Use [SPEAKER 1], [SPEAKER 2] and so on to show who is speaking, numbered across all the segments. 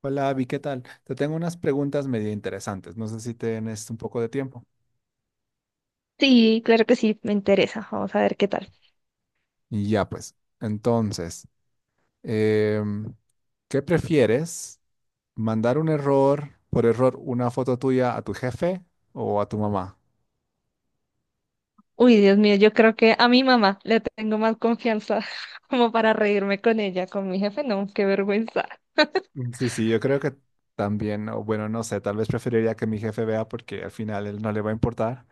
[SPEAKER 1] Hola, Abby, ¿qué tal? Te tengo unas preguntas medio interesantes. No sé si tienes un poco de tiempo.
[SPEAKER 2] Sí, claro que sí, me interesa. Vamos a ver qué tal.
[SPEAKER 1] Y ya, pues. Entonces, em, ¿qué prefieres? ¿Mandar un error, por error, una foto tuya a tu jefe o a tu mamá?
[SPEAKER 2] Uy, Dios mío, yo creo que a mi mamá le tengo más confianza como para reírme con ella, con mi jefe, no, qué vergüenza.
[SPEAKER 1] Mm, sí, sí, yo creo que también, o bueno, no sé, tal vez preferiría que mi jefe vea porque al final él no le va a importar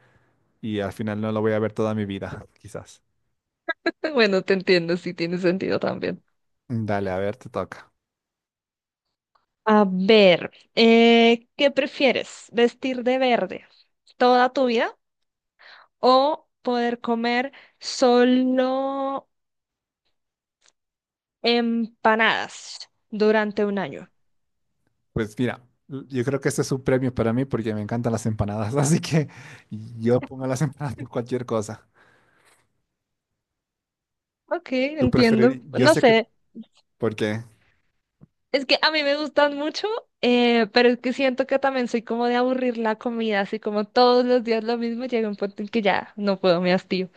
[SPEAKER 1] y al final no lo voy a ver toda mi vida, quizás.
[SPEAKER 2] Bueno, te entiendo, sí tiene sentido también.
[SPEAKER 1] Dale, a ver, te toca.
[SPEAKER 2] A ver, ¿qué prefieres? ¿Vestir de verde toda tu vida o poder comer solo empanadas durante un año?
[SPEAKER 1] Pues mira, yo creo que este es un premio para mí porque me encantan las empanadas, así que yo pongo las empanadas por cualquier cosa.
[SPEAKER 2] Ok,
[SPEAKER 1] Tú
[SPEAKER 2] entiendo.
[SPEAKER 1] preferirías, yo
[SPEAKER 2] No
[SPEAKER 1] sé que
[SPEAKER 2] sé.
[SPEAKER 1] por qué,
[SPEAKER 2] Es que a mí me gustan mucho, pero es que siento que también soy como de aburrir la comida, así como todos los días lo mismo, llega un punto en que ya no puedo, me hastío.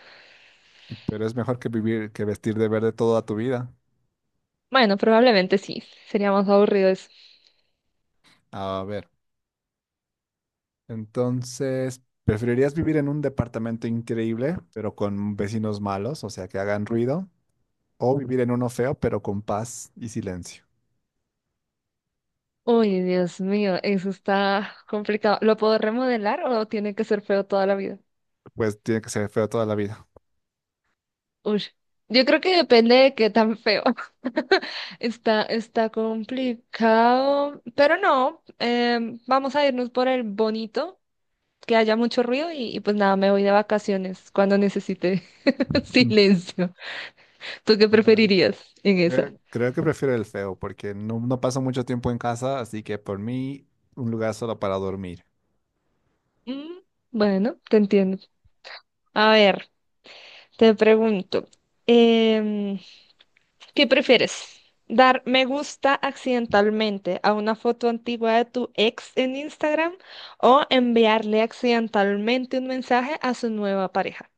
[SPEAKER 1] pero es mejor que vivir, que vestir de verde toda tu vida.
[SPEAKER 2] Bueno, probablemente sí, sería más aburrido eso.
[SPEAKER 1] A ver, entonces, ¿preferirías vivir en un departamento increíble, pero con vecinos malos, o sea, que hagan ruido, o vivir en uno feo, pero con paz y silencio?
[SPEAKER 2] Uy, Dios mío, eso está complicado. ¿Lo puedo remodelar o tiene que ser feo toda la vida?
[SPEAKER 1] Pues tiene que ser feo toda la vida.
[SPEAKER 2] Uy, yo creo que depende de qué tan feo. Está complicado, pero no, vamos a irnos por el bonito. Que haya mucho ruido y pues nada, me voy de vacaciones cuando necesite
[SPEAKER 1] Mm.
[SPEAKER 2] silencio. ¿Tú qué
[SPEAKER 1] Bueno, bueno.
[SPEAKER 2] preferirías en esa?
[SPEAKER 1] Creo que prefiero el feo porque no, no paso mucho tiempo en casa, así que por mí un lugar solo para dormir.
[SPEAKER 2] Mm. Bueno, te entiendo. A ver, te pregunto, em, ¿qué prefieres? ¿Dar me gusta accidentalmente a una foto antigua de tu ex en Instagram o enviarle accidentalmente un mensaje a su nueva pareja?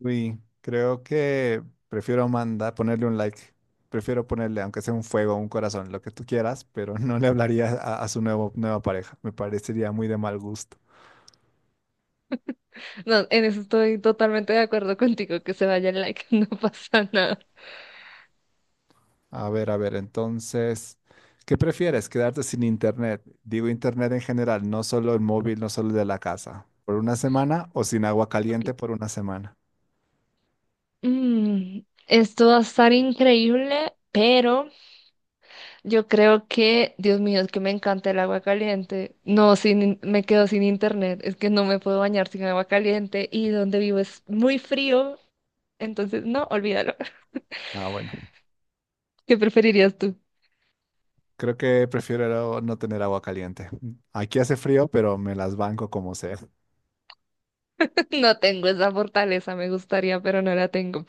[SPEAKER 1] Uy, creo que prefiero mandar, ponerle un like. Prefiero ponerle, aunque sea un fuego, un corazón, lo que tú quieras, pero no le hablaría a su nuevo, nueva pareja. Me parecería muy de mal gusto.
[SPEAKER 2] No, en eso estoy totalmente de acuerdo contigo, que se vaya el like, no pasa nada.
[SPEAKER 1] A ver, entonces, ¿qué prefieres? ¿Quedarte sin internet? Digo internet en general, no solo el móvil, no solo el de la casa. ¿Por una semana o sin agua
[SPEAKER 2] Ok.
[SPEAKER 1] caliente por una semana?
[SPEAKER 2] Mm, esto va a estar increíble, pero yo creo que, Dios mío, es que me encanta el agua caliente. No, sin, in- me quedo sin internet. Es que no me puedo bañar sin agua caliente y donde vivo es muy frío. Entonces, no, olvídalo.
[SPEAKER 1] Ah, bueno.
[SPEAKER 2] ¿Qué preferirías tú?
[SPEAKER 1] Creo que prefiero no tener agua caliente. Aquí hace frío, pero me las banco como sea.
[SPEAKER 2] No tengo esa fortaleza, me gustaría, pero no la tengo.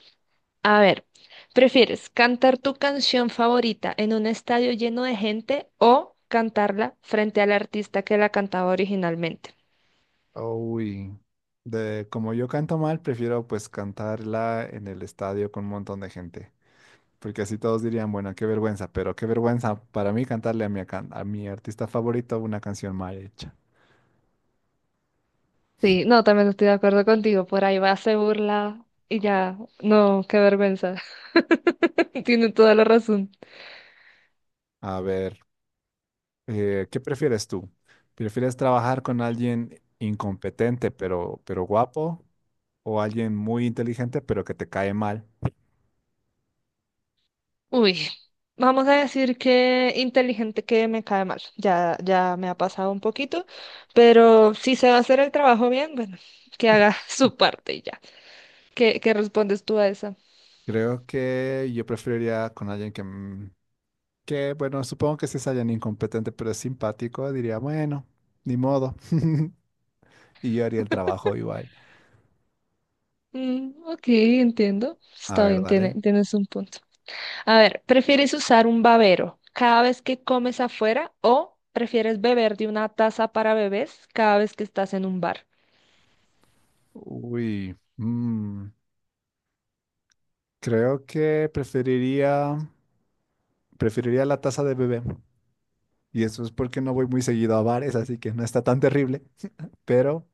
[SPEAKER 2] A ver, ¿prefieres cantar tu canción favorita en un estadio lleno de gente o cantarla frente al artista que la cantaba originalmente?
[SPEAKER 1] Uy, de como yo canto mal, prefiero pues cantarla en el estadio con un montón de gente, porque así todos dirían, bueno, qué vergüenza, pero qué vergüenza para mí cantarle a mi, a mi artista favorito una canción mal hecha.
[SPEAKER 2] Sí, no, también estoy de acuerdo contigo. Por ahí va, se burla y ya. No, qué vergüenza. Tiene toda la razón.
[SPEAKER 1] A ver, ¿qué prefieres tú? ¿Prefieres trabajar con alguien incompetente pero guapo o alguien muy inteligente pero que te cae mal?
[SPEAKER 2] Uy, vamos a decir que inteligente que me cae mal. Ya me ha pasado un poquito, pero si se va a hacer el trabajo bien, bueno, que haga su parte y ya. ¿Qué respondes tú a esa?
[SPEAKER 1] Creo que yo preferiría con alguien que, mm, que, bueno, supongo que si es alguien incompetente pero es simpático, diría, bueno, ni modo. Y yo haría el trabajo igual.
[SPEAKER 2] Mm, ok, entiendo.
[SPEAKER 1] A
[SPEAKER 2] Está
[SPEAKER 1] ver,
[SPEAKER 2] bien,
[SPEAKER 1] dale.
[SPEAKER 2] tienes un punto. A ver, ¿prefieres usar un babero cada vez que comes afuera o prefieres beber de una taza para bebés cada vez que estás en un bar?
[SPEAKER 1] Uy, mm, creo que preferiría la taza de bebé. Y eso es porque no voy muy seguido a bares, así que no está tan terrible. Pero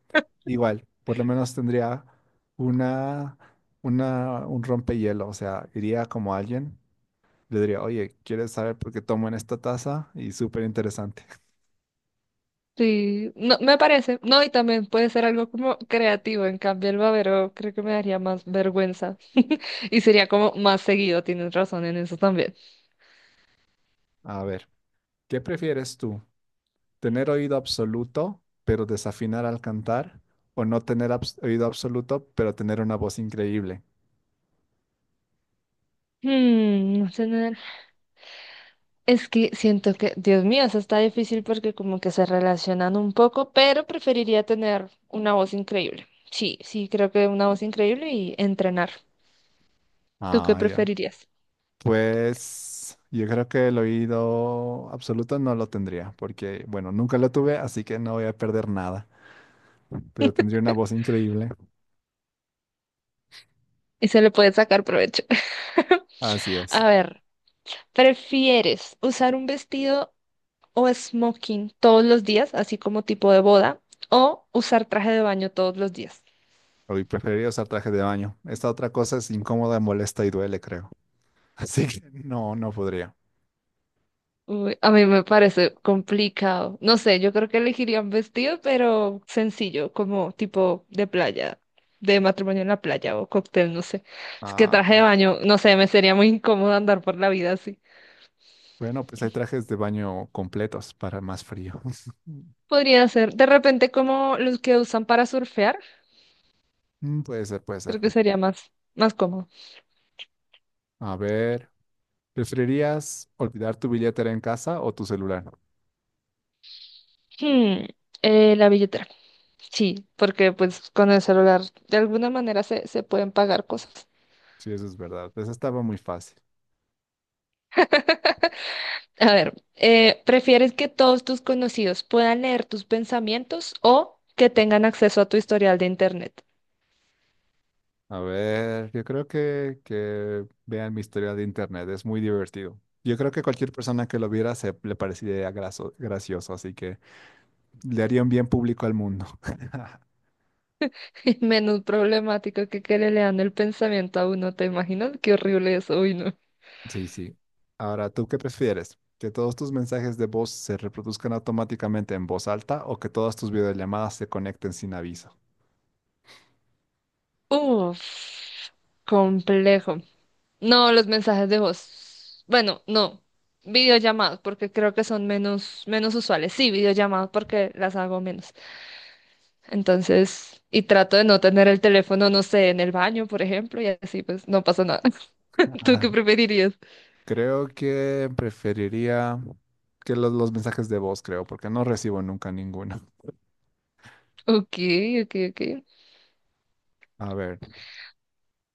[SPEAKER 1] igual, por lo menos tendría una, una, un rompehielo. O sea, iría como alguien. Le diría, oye, ¿quieres saber por qué tomo en esta taza? Y súper interesante.
[SPEAKER 2] Sí, no, me parece. No, y también puede ser algo como creativo. En cambio, el babero creo que me daría más vergüenza. Y sería como más seguido, tienes razón en eso también.
[SPEAKER 1] A ver, ¿qué prefieres tú? ¿Tener oído absoluto, pero desafinar al cantar? ¿O no tener oído absoluto, pero tener una voz increíble?
[SPEAKER 2] No sé, es que siento que, Dios mío, eso está difícil porque como que se relacionan un poco, pero preferiría tener una voz increíble. Sí, sí, creo que una voz increíble y entrenar. ¿Tú qué
[SPEAKER 1] Ah, ya.
[SPEAKER 2] preferirías?
[SPEAKER 1] Pues yo creo que el oído absoluto no lo tendría, porque, bueno, nunca lo tuve, así que no voy a perder nada, pero tendría una voz increíble.
[SPEAKER 2] Y se le puede sacar provecho.
[SPEAKER 1] Así es.
[SPEAKER 2] A ver, ¿prefieres usar un vestido o smoking todos los días, así como tipo de boda, o usar traje de baño todos los días?
[SPEAKER 1] Hoy preferiría usar traje de baño. Esta otra cosa es incómoda, molesta y duele, creo. Así que no, no podría.
[SPEAKER 2] Uy, a mí me parece complicado. No sé, yo creo que elegiría un vestido, pero sencillo, como tipo de playa, de matrimonio en la playa o cóctel, no sé. Es que
[SPEAKER 1] Ah,
[SPEAKER 2] traje de baño, no sé, me sería muy incómodo andar por la vida así.
[SPEAKER 1] bueno, pues hay trajes de baño completos para más frío.
[SPEAKER 2] Podría ser, de repente, como los que usan para surfear.
[SPEAKER 1] Mm, puede ser, puede ser.
[SPEAKER 2] Creo que sería más cómodo.
[SPEAKER 1] A ver, ¿preferirías olvidar tu billetera en casa o tu celular?
[SPEAKER 2] Hmm, la billetera. Sí, porque pues con el celular de alguna manera se pueden pagar cosas.
[SPEAKER 1] Sí, eso es verdad. Esa estaba muy fácil.
[SPEAKER 2] A ver, ¿prefieres que todos tus conocidos puedan leer tus pensamientos o que tengan acceso a tu historial de internet?
[SPEAKER 1] A ver, yo creo que vean mi historia de internet. Es muy divertido. Yo creo que cualquier persona que lo viera se le parecería gracioso, así que le haría un bien público al mundo.
[SPEAKER 2] Menos problemático que le lean el pensamiento a uno, ¿te imaginas? Qué horrible eso, uy, no.
[SPEAKER 1] Sí, sí. Ahora, ¿tú qué prefieres? ¿Que todos tus mensajes de voz se reproduzcan automáticamente en voz alta o que todas tus videollamadas se conecten sin aviso?
[SPEAKER 2] Uf, complejo. No, los mensajes de voz. Bueno, no. Videollamadas, porque creo que son menos, menos usuales. Sí, videollamadas porque las hago menos. Entonces, y trato de no tener el teléfono, no sé, en el baño, por ejemplo, y así pues no pasa nada. ¿Tú
[SPEAKER 1] Ajá.
[SPEAKER 2] qué preferirías?
[SPEAKER 1] Creo que preferiría que los mensajes de voz, creo, porque no recibo nunca ninguno.
[SPEAKER 2] Ok, ok, ok.
[SPEAKER 1] A ver,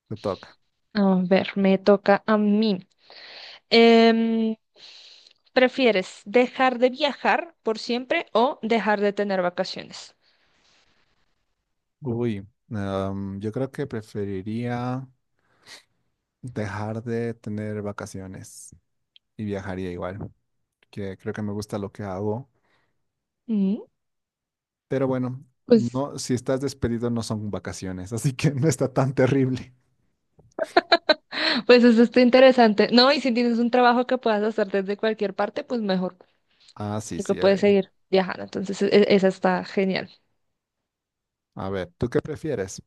[SPEAKER 1] te toca.
[SPEAKER 2] A ver, me toca a mí. Em, ¿Prefieres dejar de viajar por siempre o dejar de tener vacaciones?
[SPEAKER 1] Uy, yo creo que preferiría dejar de tener vacaciones y viajaría igual, que creo que me gusta lo que hago.
[SPEAKER 2] Mm.
[SPEAKER 1] Pero bueno,
[SPEAKER 2] Pues
[SPEAKER 1] no, si estás despedido no son vacaciones, así que no está tan terrible.
[SPEAKER 2] Pues eso está interesante. No, y si tienes un trabajo que puedas hacer desde cualquier parte, pues mejor,
[SPEAKER 1] Ah, sí,
[SPEAKER 2] porque
[SPEAKER 1] sí.
[SPEAKER 2] puedes seguir viajando. Entonces, esa está genial.
[SPEAKER 1] A ver, ¿tú qué prefieres?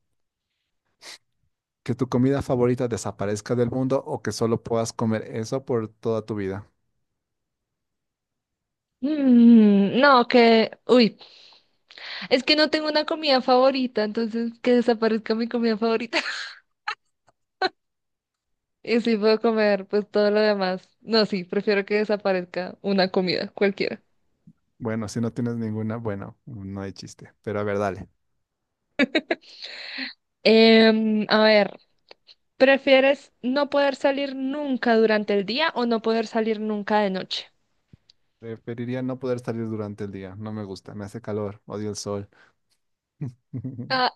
[SPEAKER 1] ¿Que tu comida favorita desaparezca del mundo o que solo puedas comer eso por toda tu vida?
[SPEAKER 2] No, que, uy, es que no tengo una comida favorita, entonces que desaparezca mi comida favorita. Y si puedo comer, pues todo lo demás. No, sí, prefiero que desaparezca una comida, cualquiera.
[SPEAKER 1] Bueno, si no tienes ninguna, bueno, no hay chiste. Pero a ver, dale.
[SPEAKER 2] A ver, ¿prefieres no poder salir nunca durante el día o no poder salir nunca de noche?
[SPEAKER 1] Preferiría no poder salir durante el día. No me gusta, me hace calor, odio el sol.
[SPEAKER 2] Ah,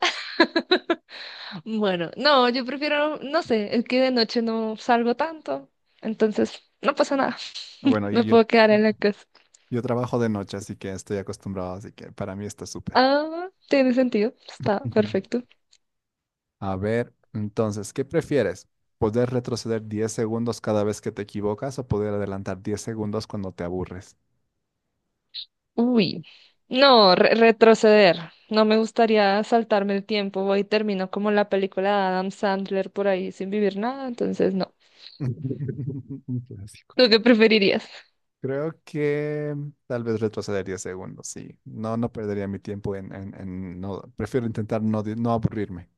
[SPEAKER 2] bueno, no, yo prefiero, no sé, es que de noche no salgo tanto, entonces no pasa nada.
[SPEAKER 1] Bueno,
[SPEAKER 2] Me
[SPEAKER 1] y yo,
[SPEAKER 2] puedo quedar en la casa.
[SPEAKER 1] yo trabajo de noche, así que estoy acostumbrado, así que para mí está súper.
[SPEAKER 2] Ah, tiene sentido, está perfecto.
[SPEAKER 1] A ver, entonces, ¿qué prefieres? ¿Poder retroceder 10 segundos cada vez que te equivocas o poder adelantar 10 segundos cuando te aburres?
[SPEAKER 2] Uy, no, retroceder. No me gustaría saltarme el tiempo. Voy y termino como la película de Adam Sandler por ahí sin vivir nada, entonces no.
[SPEAKER 1] Un clásico.
[SPEAKER 2] ¿Tú qué preferirías?
[SPEAKER 1] Creo que mm, tal vez retroceder 10 segundos, sí. No, no perdería mi tiempo en, en no. Prefiero intentar no, no aburrirme.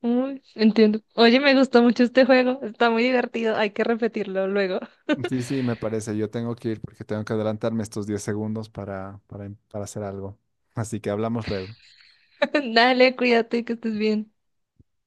[SPEAKER 2] Uy, entiendo. Oye, me gustó mucho este juego, está muy divertido, hay que repetirlo luego.
[SPEAKER 1] Sí, sí, me parece. Yo tengo que ir porque tengo que adelantarme estos 10 segundos para hacer algo. Así que hablamos luego.
[SPEAKER 2] Dale, cuídate, que estés bien.